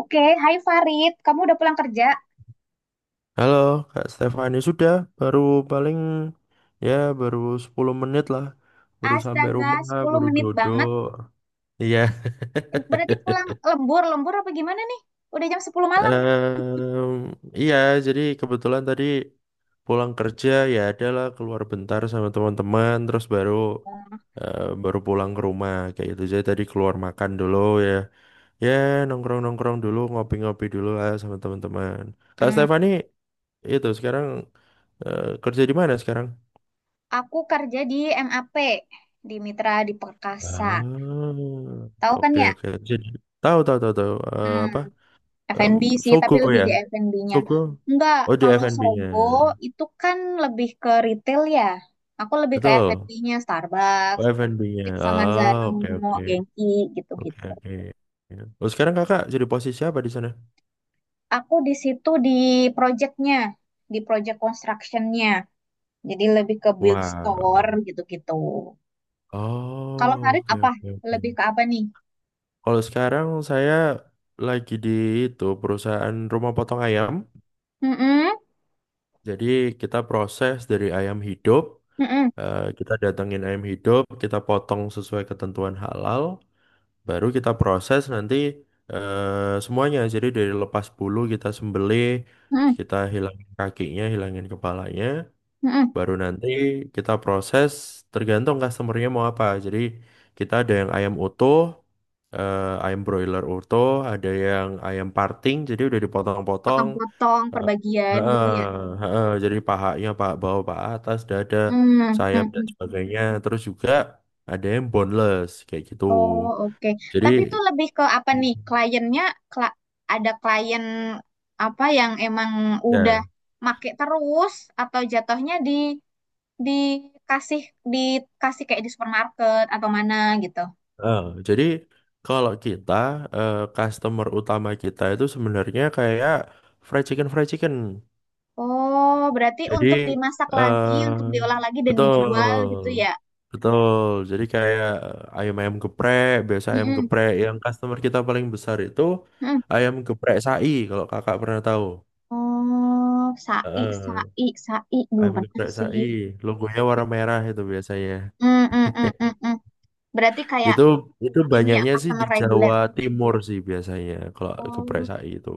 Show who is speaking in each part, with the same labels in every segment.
Speaker 1: Oke, hai Farid. Kamu udah pulang kerja?
Speaker 2: Halo Kak Stefani, sudah baru paling ya baru 10 menit lah. Baru sampai
Speaker 1: Astaga,
Speaker 2: rumah,
Speaker 1: 10
Speaker 2: baru
Speaker 1: menit banget.
Speaker 2: dodok. Iya.
Speaker 1: Berarti pulang lembur, lembur apa gimana nih? Udah jam 10 malam.
Speaker 2: Em, iya, jadi kebetulan tadi pulang kerja ya adalah keluar bentar sama teman-teman terus baru pulang ke rumah kayak gitu. Jadi tadi keluar makan dulu ya. Ya, nongkrong-nongkrong dulu, ngopi-ngopi dulu lah sama teman-teman. Kak
Speaker 1: Hmm,
Speaker 2: Stefani itu sekarang kerja di mana sekarang?
Speaker 1: aku kerja di MAP, di Mitra di Perkasa.
Speaker 2: Ah,
Speaker 1: Tahu kan
Speaker 2: oke
Speaker 1: ya?
Speaker 2: oke. Jadi tahu tahu tahu tahu. Eh,
Speaker 1: Hmm,
Speaker 2: apa? Em,
Speaker 1: F&B sih,
Speaker 2: Sogo
Speaker 1: tapi lebih
Speaker 2: ya,
Speaker 1: di F&B-nya.
Speaker 2: Sogo.
Speaker 1: Enggak,
Speaker 2: Oh di
Speaker 1: kalau
Speaker 2: F&B-nya,
Speaker 1: Sogo itu kan lebih ke retail ya. Aku lebih ke
Speaker 2: betul.
Speaker 1: F&B-nya,
Speaker 2: Oh
Speaker 1: Starbucks,
Speaker 2: F&B-nya.
Speaker 1: Pizza Marzano,
Speaker 2: Oh oke oke
Speaker 1: Genki,
Speaker 2: oke
Speaker 1: gitu-gitu.
Speaker 2: oke. Oh sekarang kakak jadi posisi apa di sana?
Speaker 1: Aku di situ di projectnya, di project constructionnya. Jadi lebih ke build store
Speaker 2: Wow.
Speaker 1: gitu-gitu. Kalau
Speaker 2: Oh
Speaker 1: Farid
Speaker 2: oke
Speaker 1: apa?
Speaker 2: oke oke.
Speaker 1: Lebih ke apa nih?
Speaker 2: Kalau sekarang saya lagi di itu perusahaan rumah potong ayam.
Speaker 1: Mm-mm,
Speaker 2: Jadi kita proses dari ayam hidup.
Speaker 1: mm-mm,
Speaker 2: Kita datengin ayam hidup, kita potong sesuai ketentuan halal, baru kita proses nanti semuanya. Jadi dari lepas bulu kita sembelih,
Speaker 1: mm-mm,
Speaker 2: kita hilangin kakinya, hilangin kepalanya,
Speaker 1: mm-mm.
Speaker 2: baru nanti kita proses tergantung customernya mau apa. Jadi kita ada yang ayam utuh, ayam broiler utuh, ada yang ayam parting, jadi udah dipotong-potong.
Speaker 1: Potong-potong perbagian
Speaker 2: Heeh,
Speaker 1: gitu ya.
Speaker 2: heeh. Jadi pahanya pak bawah pak atas dada
Speaker 1: Hmm, hmm.
Speaker 2: sayap dan
Speaker 1: Mm.
Speaker 2: sebagainya terus juga ada yang boneless kayak gitu,
Speaker 1: Oh, oke. Tapi itu
Speaker 2: jadi
Speaker 1: lebih ke apa nih? Kliennya kla- ada klien apa yang emang udah
Speaker 2: ya.
Speaker 1: make terus atau jatuhnya di dikasih dikasih kayak di supermarket atau mana gitu.
Speaker 2: Heeh, jadi kalau kita customer utama kita itu sebenarnya kayak fried chicken fried chicken.
Speaker 1: Oh, berarti
Speaker 2: Jadi
Speaker 1: untuk dimasak
Speaker 2: eh
Speaker 1: lagi, untuk diolah lagi dan
Speaker 2: betul,
Speaker 1: dijual gitu ya?
Speaker 2: betul. Jadi kayak ayam ayam geprek, biasa ayam
Speaker 1: Mm-mm,
Speaker 2: geprek yang customer kita paling besar itu
Speaker 1: mm.
Speaker 2: ayam geprek sai, kalau kakak pernah tahu.
Speaker 1: Oh, sai,
Speaker 2: Eh,
Speaker 1: sai, sai. Belum
Speaker 2: ayam
Speaker 1: pernah
Speaker 2: geprek
Speaker 1: sih.
Speaker 2: sai, logonya warna merah itu biasanya.
Speaker 1: Mm, mm, mm, mm, mm. Berarti kayak
Speaker 2: Itu itu
Speaker 1: ini ya,
Speaker 2: banyaknya sih di
Speaker 1: customer reguler.
Speaker 2: Jawa Timur sih biasanya, kalau geprek
Speaker 1: Oh,
Speaker 2: sai itu.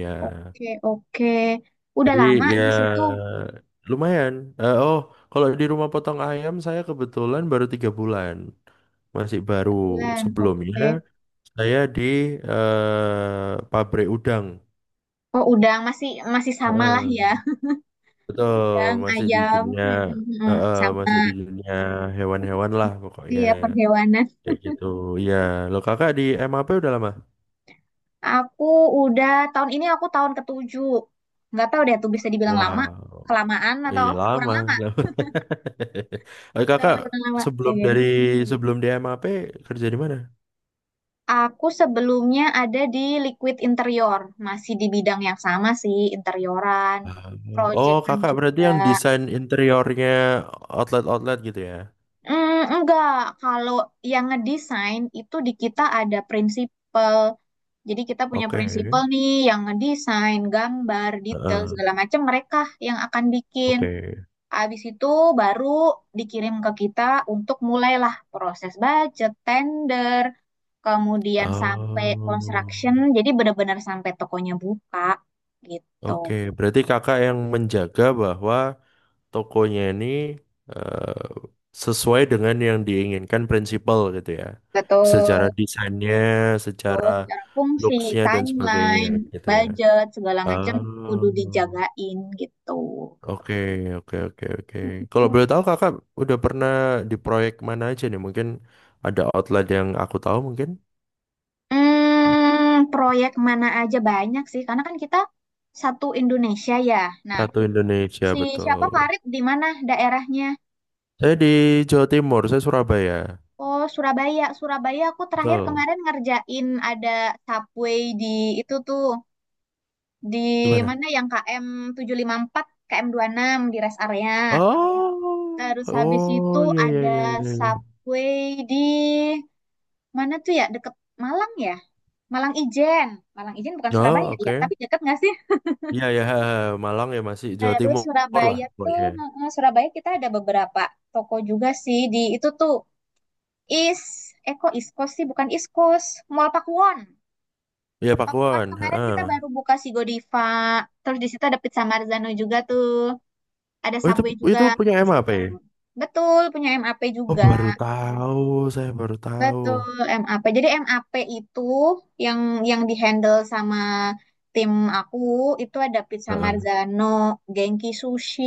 Speaker 2: Ya.
Speaker 1: oke, oke. Udah
Speaker 2: Jadi
Speaker 1: lama
Speaker 2: ya
Speaker 1: di situ
Speaker 2: lumayan. Eh, oh, kalau di rumah potong ayam saya kebetulan baru 3 bulan, masih baru.
Speaker 1: bulan,
Speaker 2: Sebelumnya
Speaker 1: oke.
Speaker 2: saya di pabrik udang.
Speaker 1: Oh, udang masih masih sama lah ya.
Speaker 2: Heeh, betul,
Speaker 1: Udang,
Speaker 2: masih di
Speaker 1: ayam,
Speaker 2: dunia,
Speaker 1: mm, mm, mm. Sama
Speaker 2: masih di dunia hewan-hewan lah pokoknya
Speaker 1: ya perhewanan.
Speaker 2: kayak gitu. Iya, lo kakak di M A P udah lama?
Speaker 1: Aku udah tahun ini aku tahun ke-7. Nggak tahu deh tuh bisa dibilang lama,
Speaker 2: Wow,
Speaker 1: kelamaan atau
Speaker 2: iya
Speaker 1: kurang
Speaker 2: lama,
Speaker 1: lama
Speaker 2: lama.
Speaker 1: atau
Speaker 2: Kakak
Speaker 1: malah kurang lama.
Speaker 2: sebelum
Speaker 1: Iya.
Speaker 2: dari sebelum di M A P kerja di mana?
Speaker 1: Aku sebelumnya ada di Liquid Interior, masih di bidang yang sama sih, interioran,
Speaker 2: Oh,
Speaker 1: proyekan
Speaker 2: kakak berarti
Speaker 1: juga.
Speaker 2: yang desain interiornya outlet-outlet gitu ya?
Speaker 1: Enggak, kalau yang ngedesain itu di kita ada prinsipal. Jadi kita punya
Speaker 2: Oke.
Speaker 1: prinsipal nih yang ngedesain, gambar, detail
Speaker 2: Heeh.
Speaker 1: segala macam mereka yang akan bikin.
Speaker 2: Oke.
Speaker 1: Habis itu baru dikirim ke kita untuk mulailah proses budget, tender, kemudian sampai construction.
Speaker 2: Oh.
Speaker 1: Jadi benar-benar sampai tokonya buka gitu.
Speaker 2: Oke, berarti kakak yang menjaga bahwa tokonya ini eh, sesuai dengan yang diinginkan prinsipal gitu ya. Secara
Speaker 1: Betul.
Speaker 2: desainnya, secara
Speaker 1: Terus secara fungsi,
Speaker 2: looks-nya dan sebagainya
Speaker 1: timeline,
Speaker 2: gitu ya.
Speaker 1: budget, segala macam kudu
Speaker 2: Oh.
Speaker 1: dijagain gitu.
Speaker 2: Oke, oke, oke, oke. Kalau boleh tahu kakak udah pernah di proyek mana aja nih? Mungkin ada outlet yang aku tahu mungkin.
Speaker 1: Proyek mana aja banyak sih, karena kan kita satu Indonesia ya. Nah,
Speaker 2: Satu Indonesia,
Speaker 1: si siapa
Speaker 2: betul.
Speaker 1: Farid di mana daerahnya?
Speaker 2: Saya di Jawa Timur, saya Surabaya.
Speaker 1: Oh, Surabaya. Surabaya aku terakhir
Speaker 2: Betul.
Speaker 1: kemarin ngerjain ada subway di itu tuh. Di
Speaker 2: Gimana?
Speaker 1: mana yang KM 754, KM 6 di rest area.
Speaker 2: Oh,
Speaker 1: Terus habis itu
Speaker 2: oh, iya, iya, iya,
Speaker 1: ada
Speaker 2: iya, iya.
Speaker 1: subway di mana tuh ya? Deket Malang ya? Malang Ijen. Malang Ijen bukan
Speaker 2: Oh,
Speaker 1: Surabaya ya,
Speaker 2: oke.
Speaker 1: tapi deket nggak sih?
Speaker 2: Iya, iya, ha, ha. Malang ya masih Jawa
Speaker 1: Terus
Speaker 2: Timur lah
Speaker 1: Surabaya tuh,
Speaker 2: pokoknya.
Speaker 1: eh, Surabaya kita ada beberapa toko juga sih di itu tuh Is, Eko Iskos sih bukan Iskos, Mall Pakuwon.
Speaker 2: Iya,
Speaker 1: Aku kan
Speaker 2: Pakuan, ha,
Speaker 1: kemarin
Speaker 2: ha.
Speaker 1: kita baru buka si Godiva. Terus di situ ada Pizza Marzano juga tuh. Ada
Speaker 2: Oh,
Speaker 1: Subway
Speaker 2: itu
Speaker 1: juga
Speaker 2: punya
Speaker 1: di
Speaker 2: MAP?
Speaker 1: situ. Betul, punya M A P
Speaker 2: Oh, baru
Speaker 1: juga.
Speaker 2: tahu, saya baru tahu.
Speaker 1: Betul, M A P. Jadi M A P itu yang yang dihandle sama tim aku itu ada Pizza Marzano, Genki Sushi,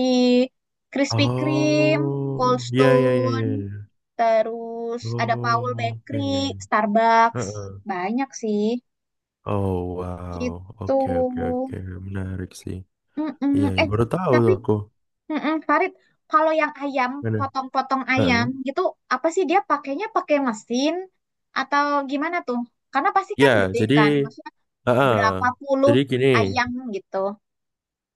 Speaker 1: Krispy Kreme, Cold
Speaker 2: Oh, ya ya ya ya
Speaker 1: Stone,
Speaker 2: ya.
Speaker 1: terus ada Paul
Speaker 2: Oh,
Speaker 1: Bakery,
Speaker 2: oke.
Speaker 1: Starbucks.
Speaker 2: Heeh.
Speaker 1: Banyak sih.
Speaker 2: Oh, wow.
Speaker 1: Gitu.
Speaker 2: Oke oke oke. Menarik sih.
Speaker 1: Mm-mm.
Speaker 2: Iya, ya,
Speaker 1: Eh,
Speaker 2: baru tahu
Speaker 1: tapi
Speaker 2: tuh aku.
Speaker 1: mm-mm, Farid, kalau yang ayam,
Speaker 2: Mana?
Speaker 1: potong-potong ayam
Speaker 2: Heeh.
Speaker 1: gitu, apa sih dia pakainya pakai mesin atau gimana tuh? Karena pasti
Speaker 2: Ya,
Speaker 1: kan gede
Speaker 2: jadi
Speaker 1: kan, maksudnya
Speaker 2: heeh.
Speaker 1: berapa puluh
Speaker 2: Jadi gini,
Speaker 1: ayam gitu.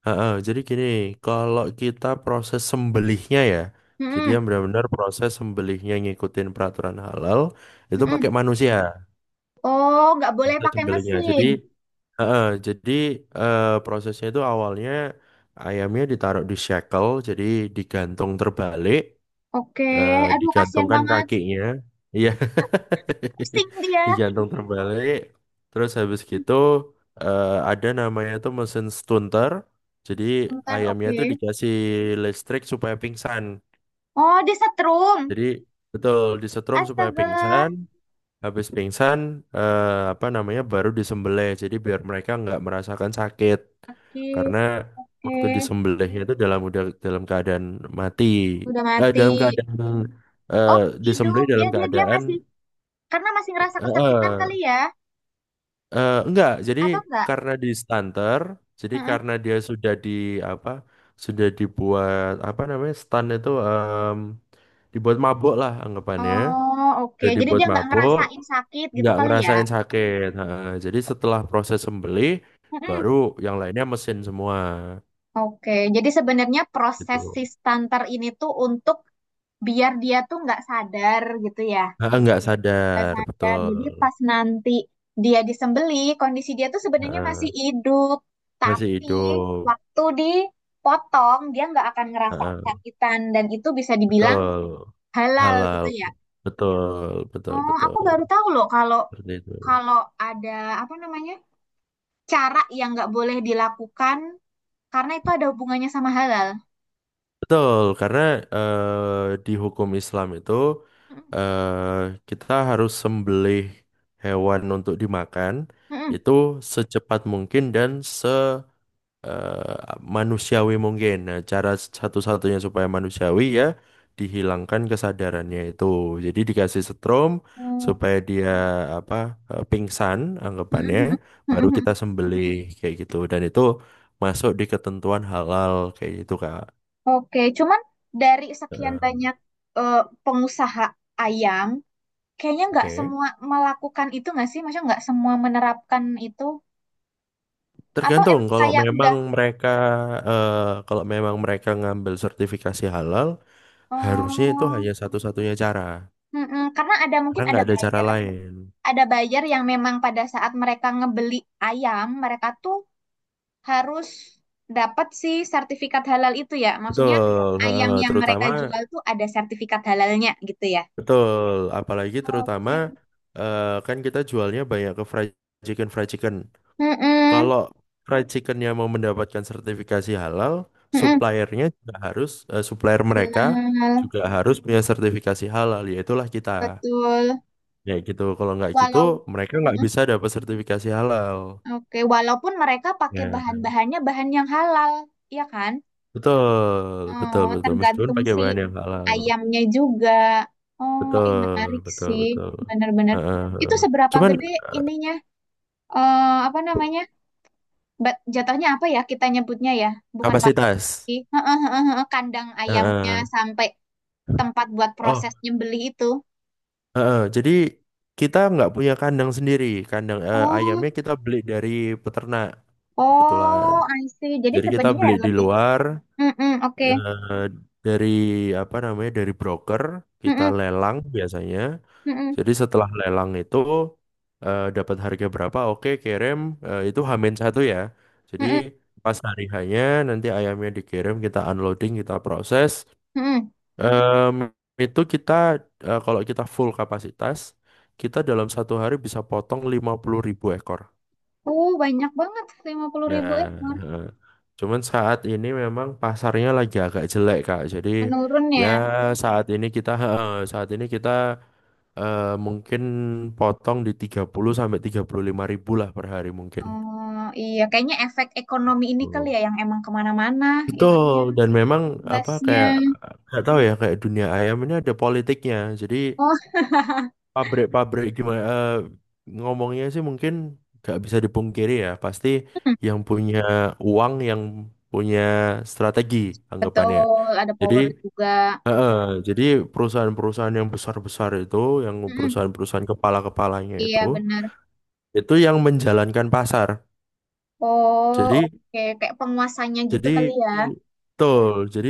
Speaker 2: heeh, kalau kita proses sembelihnya ya, jadi
Speaker 1: Mm-mm,
Speaker 2: yang benar-benar proses sembelihnya ngikutin peraturan halal itu
Speaker 1: mm-mm.
Speaker 2: pakai manusia
Speaker 1: Oh, nggak boleh
Speaker 2: proses
Speaker 1: pakai
Speaker 2: sembelihnya. Jadi
Speaker 1: mesin.
Speaker 2: heeh, jadi prosesnya itu awalnya ayamnya ditaruh di shackle, jadi digantung terbalik,
Speaker 1: Oke, aduh kasihan
Speaker 2: digantungkan
Speaker 1: banget.
Speaker 2: kakinya, iya,
Speaker 1: Pusing dia.
Speaker 2: digantung terbalik. Terus habis
Speaker 1: Hmm,
Speaker 2: gitu ada namanya itu mesin stunter, jadi
Speaker 1: Bentar,
Speaker 2: ayamnya
Speaker 1: oke.
Speaker 2: itu dikasih listrik supaya pingsan.
Speaker 1: Oh, dia setrum.
Speaker 2: Jadi betul disetrum supaya
Speaker 1: Astaga.
Speaker 2: pingsan. Habis pingsan, apa namanya, baru disembelih. Jadi biar mereka nggak merasakan sakit.
Speaker 1: Oke,
Speaker 2: Karena
Speaker 1: oke.
Speaker 2: waktu disembelihnya itu dalam udah dalam keadaan mati.
Speaker 1: Udah mati.
Speaker 2: Dalam keadaan eh,
Speaker 1: Oh, hidup.
Speaker 2: disembelih
Speaker 1: Dia
Speaker 2: dalam
Speaker 1: dia dia
Speaker 2: keadaan
Speaker 1: masih. Karena masih
Speaker 2: eh,
Speaker 1: ngerasa kesakitan
Speaker 2: eh,
Speaker 1: kali ya,
Speaker 2: enggak. Jadi
Speaker 1: atau enggak?
Speaker 2: karena di stunter, jadi
Speaker 1: Heeh.
Speaker 2: karena dia sudah di apa, sudah dibuat apa namanya stun itu, dibuat mabuk lah anggapannya.
Speaker 1: Oh, oke.
Speaker 2: Sudah
Speaker 1: Jadi
Speaker 2: dibuat
Speaker 1: dia nggak
Speaker 2: mabuk,
Speaker 1: ngerasain sakit gitu
Speaker 2: nggak
Speaker 1: kali ya.
Speaker 2: ngerasain sakit. Heeh. Jadi setelah proses sembelih,
Speaker 1: Heeh.
Speaker 2: baru yang lainnya mesin semua
Speaker 1: Oke. Jadi sebenarnya proses si
Speaker 2: gitu.
Speaker 1: stunter ini tuh untuk biar dia tuh nggak sadar gitu ya.
Speaker 2: Heeh, nggak
Speaker 1: Nggak
Speaker 2: sadar,
Speaker 1: sadar.
Speaker 2: betul.
Speaker 1: Jadi pas nanti dia disembeli, kondisi dia tuh sebenarnya masih
Speaker 2: Heeh.
Speaker 1: hidup.
Speaker 2: Masih
Speaker 1: Tapi
Speaker 2: hidup.
Speaker 1: waktu dipotong, dia nggak akan ngerasa
Speaker 2: Heeh,
Speaker 1: kesakitan. Dan itu bisa dibilang
Speaker 2: betul.
Speaker 1: halal
Speaker 2: Halal,
Speaker 1: gitu ya.
Speaker 2: betul, betul,
Speaker 1: Oh,
Speaker 2: betul.
Speaker 1: aku baru tahu loh kalau
Speaker 2: Seperti itu.
Speaker 1: kalau ada apa namanya cara yang nggak boleh dilakukan karena itu ada hubungannya sama halal.
Speaker 2: Betul, karena di hukum Islam itu kita harus sembelih hewan untuk dimakan
Speaker 1: Mm-mm.
Speaker 2: itu secepat mungkin dan manusiawi mungkin. Nah, cara satu-satunya supaya manusiawi ya dihilangkan kesadarannya itu. Jadi dikasih setrum
Speaker 1: Hmm,
Speaker 2: supaya dia apa, pingsan anggapannya,
Speaker 1: mm-mm.
Speaker 2: baru
Speaker 1: Mm-mm.
Speaker 2: kita sembelih kayak gitu. Dan itu masuk di ketentuan halal kayak gitu, Kak.
Speaker 1: Oke, cuman dari sekian
Speaker 2: Heeh.
Speaker 1: banyak eh, pengusaha ayam, kayaknya nggak
Speaker 2: Oke.
Speaker 1: semua melakukan itu nggak sih? Maksudnya nggak semua menerapkan itu? Atau
Speaker 2: Tergantung
Speaker 1: emang
Speaker 2: kalau
Speaker 1: kayak
Speaker 2: memang
Speaker 1: udah,
Speaker 2: eh, mereka ngambil sertifikasi halal, harusnya itu
Speaker 1: oh,
Speaker 2: hanya satu-satunya cara.
Speaker 1: mm-mm. Karena ada
Speaker 2: Karena
Speaker 1: mungkin
Speaker 2: nggak ada cara lain.
Speaker 1: ada buyer yang memang pada saat mereka ngebeli ayam, mereka tuh harus dapat si sertifikat halal itu ya. Maksudnya
Speaker 2: Betul,
Speaker 1: ayam
Speaker 2: heeh,
Speaker 1: yang mereka
Speaker 2: terutama
Speaker 1: jual tuh ada sertifikat halalnya gitu ya.
Speaker 2: betul, apalagi terutama
Speaker 1: Oke.
Speaker 2: kan kita jualnya banyak ke fried chicken fried chicken.
Speaker 1: Mm-mm,
Speaker 2: Kalau fried chickennya mau mendapatkan sertifikasi halal,
Speaker 1: mm-mm.
Speaker 2: suppliernya juga harus supplier mereka
Speaker 1: Halal,
Speaker 2: juga harus punya sertifikasi halal, yaitulah kita.
Speaker 1: betul.
Speaker 2: Ya gitu, kalau nggak gitu
Speaker 1: Walau
Speaker 2: mereka nggak
Speaker 1: mm-mm.
Speaker 2: bisa dapat sertifikasi halal.
Speaker 1: Oke, walaupun mereka pakai
Speaker 2: Ya,
Speaker 1: bahan-bahannya bahan yang halal, ya kan?
Speaker 2: betul, betul,
Speaker 1: Oh,
Speaker 2: betul. Meskipun
Speaker 1: tergantung
Speaker 2: pakai
Speaker 1: si
Speaker 2: bahan yang halal,
Speaker 1: ayamnya juga. Oh, ih
Speaker 2: betul,
Speaker 1: menarik
Speaker 2: betul,
Speaker 1: sih,
Speaker 2: betul.
Speaker 1: bener-bener.
Speaker 2: Heeh,
Speaker 1: Itu
Speaker 2: heeh.
Speaker 1: seberapa
Speaker 2: Cuman
Speaker 1: gede ininya? Eh, apa namanya? Jatuhnya apa ya kita nyebutnya ya? Bukan
Speaker 2: kapasitas.
Speaker 1: sih. Heeh, heeh, heeh. Kandang ayamnya
Speaker 2: Heeh.
Speaker 1: sampai tempat buat
Speaker 2: Oh,
Speaker 1: proses nyembelih itu.
Speaker 2: heeh. Jadi kita nggak punya kandang sendiri. Kandang
Speaker 1: Oh,
Speaker 2: ayamnya kita beli dari peternak kebetulan.
Speaker 1: oh, I see. Jadi
Speaker 2: Jadi kita
Speaker 1: sebenarnya
Speaker 2: beli
Speaker 1: ya
Speaker 2: di
Speaker 1: lebih.
Speaker 2: luar
Speaker 1: Mm-mm, oke.
Speaker 2: eh, dari apa namanya dari broker, kita
Speaker 1: Mm-mm,
Speaker 2: lelang biasanya.
Speaker 1: mm-mm,
Speaker 2: Jadi setelah lelang itu dapat harga berapa? Oke, kirim. Itu Hamin satu ya. Jadi
Speaker 1: mm-mm,
Speaker 2: pas hari hanya nanti ayamnya dikirim kita unloading kita proses.
Speaker 1: mm-mm.
Speaker 2: Em, itu kita kalau kita full kapasitas, kita dalam satu hari bisa potong 50 ribu ekor.
Speaker 1: Oh, banyak banget lima puluh
Speaker 2: Ya,
Speaker 1: ribu ekor.
Speaker 2: eh. cuman saat ini memang pasarnya lagi agak jelek, Kak. Jadi
Speaker 1: Menurun
Speaker 2: ya
Speaker 1: ya.
Speaker 2: saat ini kita mungkin potong di 30 sampai 35 ribu lah per hari mungkin.
Speaker 1: Oh, iya. Kayaknya efek ekonomi ini
Speaker 2: Hmm.
Speaker 1: kali ya yang emang kemana-mana
Speaker 2: Betul,
Speaker 1: itunya.
Speaker 2: dan memang apa
Speaker 1: Basnya.
Speaker 2: kayak nggak tahu ya kayak dunia ayam ini ada politiknya. Jadi
Speaker 1: Oh,
Speaker 2: pabrik-pabrik gimana ngomongnya sih mungkin gak bisa dipungkiri ya pasti
Speaker 1: mm,
Speaker 2: yang punya uang, yang punya strategi anggapannya,
Speaker 1: betul. Ada
Speaker 2: jadi
Speaker 1: power juga.
Speaker 2: eh, eh, jadi perusahaan-perusahaan yang besar-besar itu, yang
Speaker 1: Mm-mm,
Speaker 2: perusahaan-perusahaan kepala-kepalanya itu
Speaker 1: iya, benar.
Speaker 2: itu yang menjalankan pasar.
Speaker 1: Oh,
Speaker 2: jadi
Speaker 1: oke. Kayak penguasanya gitu kali
Speaker 2: jadi
Speaker 1: ya.
Speaker 2: betul, jadi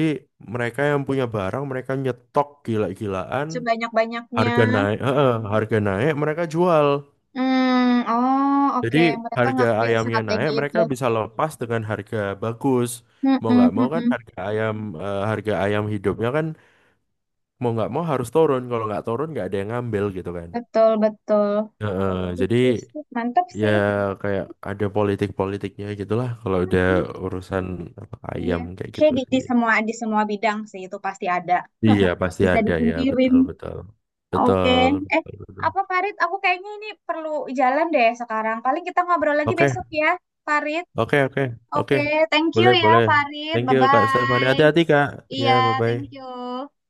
Speaker 2: mereka yang punya barang, mereka nyetok gila-gilaan,
Speaker 1: Sebanyak-banyaknya.
Speaker 2: harga naik harga naik mereka jual.
Speaker 1: Hmm, oh
Speaker 2: Jadi
Speaker 1: oke. Mereka
Speaker 2: harga
Speaker 1: ngambil
Speaker 2: ayamnya naik,
Speaker 1: strategi itu.
Speaker 2: mereka bisa lepas dengan harga bagus. Mau
Speaker 1: Mm-mm,
Speaker 2: nggak mau kan
Speaker 1: mm-mm.
Speaker 2: harga ayam harga ayam hidupnya kan mau nggak mau harus turun. Kalau nggak turun nggak ada yang ngambil gitu kan.
Speaker 1: Betul, betul.
Speaker 2: Heeh, jadi
Speaker 1: Oke sih, mantap
Speaker 2: ya
Speaker 1: sih.
Speaker 2: kayak ada politik-politiknya gitulah kalau udah
Speaker 1: Mm-mm,
Speaker 2: urusan apa,
Speaker 1: iya.
Speaker 2: ayam kayak
Speaker 1: Kayak
Speaker 2: gitu
Speaker 1: di, di
Speaker 2: sih.
Speaker 1: semua di semua bidang sih itu pasti ada.
Speaker 2: Iya pasti
Speaker 1: Bisa
Speaker 2: ada ya,
Speaker 1: dipungkirin.
Speaker 2: betul betul
Speaker 1: Oke.
Speaker 2: betul
Speaker 1: Eh,
Speaker 2: betul, betul.
Speaker 1: apa Farid? Aku kayaknya ini perlu jalan deh sekarang. Paling kita ngobrol lagi
Speaker 2: Oke
Speaker 1: besok ya, Farid.
Speaker 2: oke oke oke,
Speaker 1: Oke, thank you
Speaker 2: boleh
Speaker 1: ya,
Speaker 2: boleh.
Speaker 1: Farid.
Speaker 2: Thank you Kak Stefan.
Speaker 1: Bye-bye.
Speaker 2: Hati-hati Kak. Ya
Speaker 1: Iya,
Speaker 2: bye
Speaker 1: thank
Speaker 2: bye.
Speaker 1: you.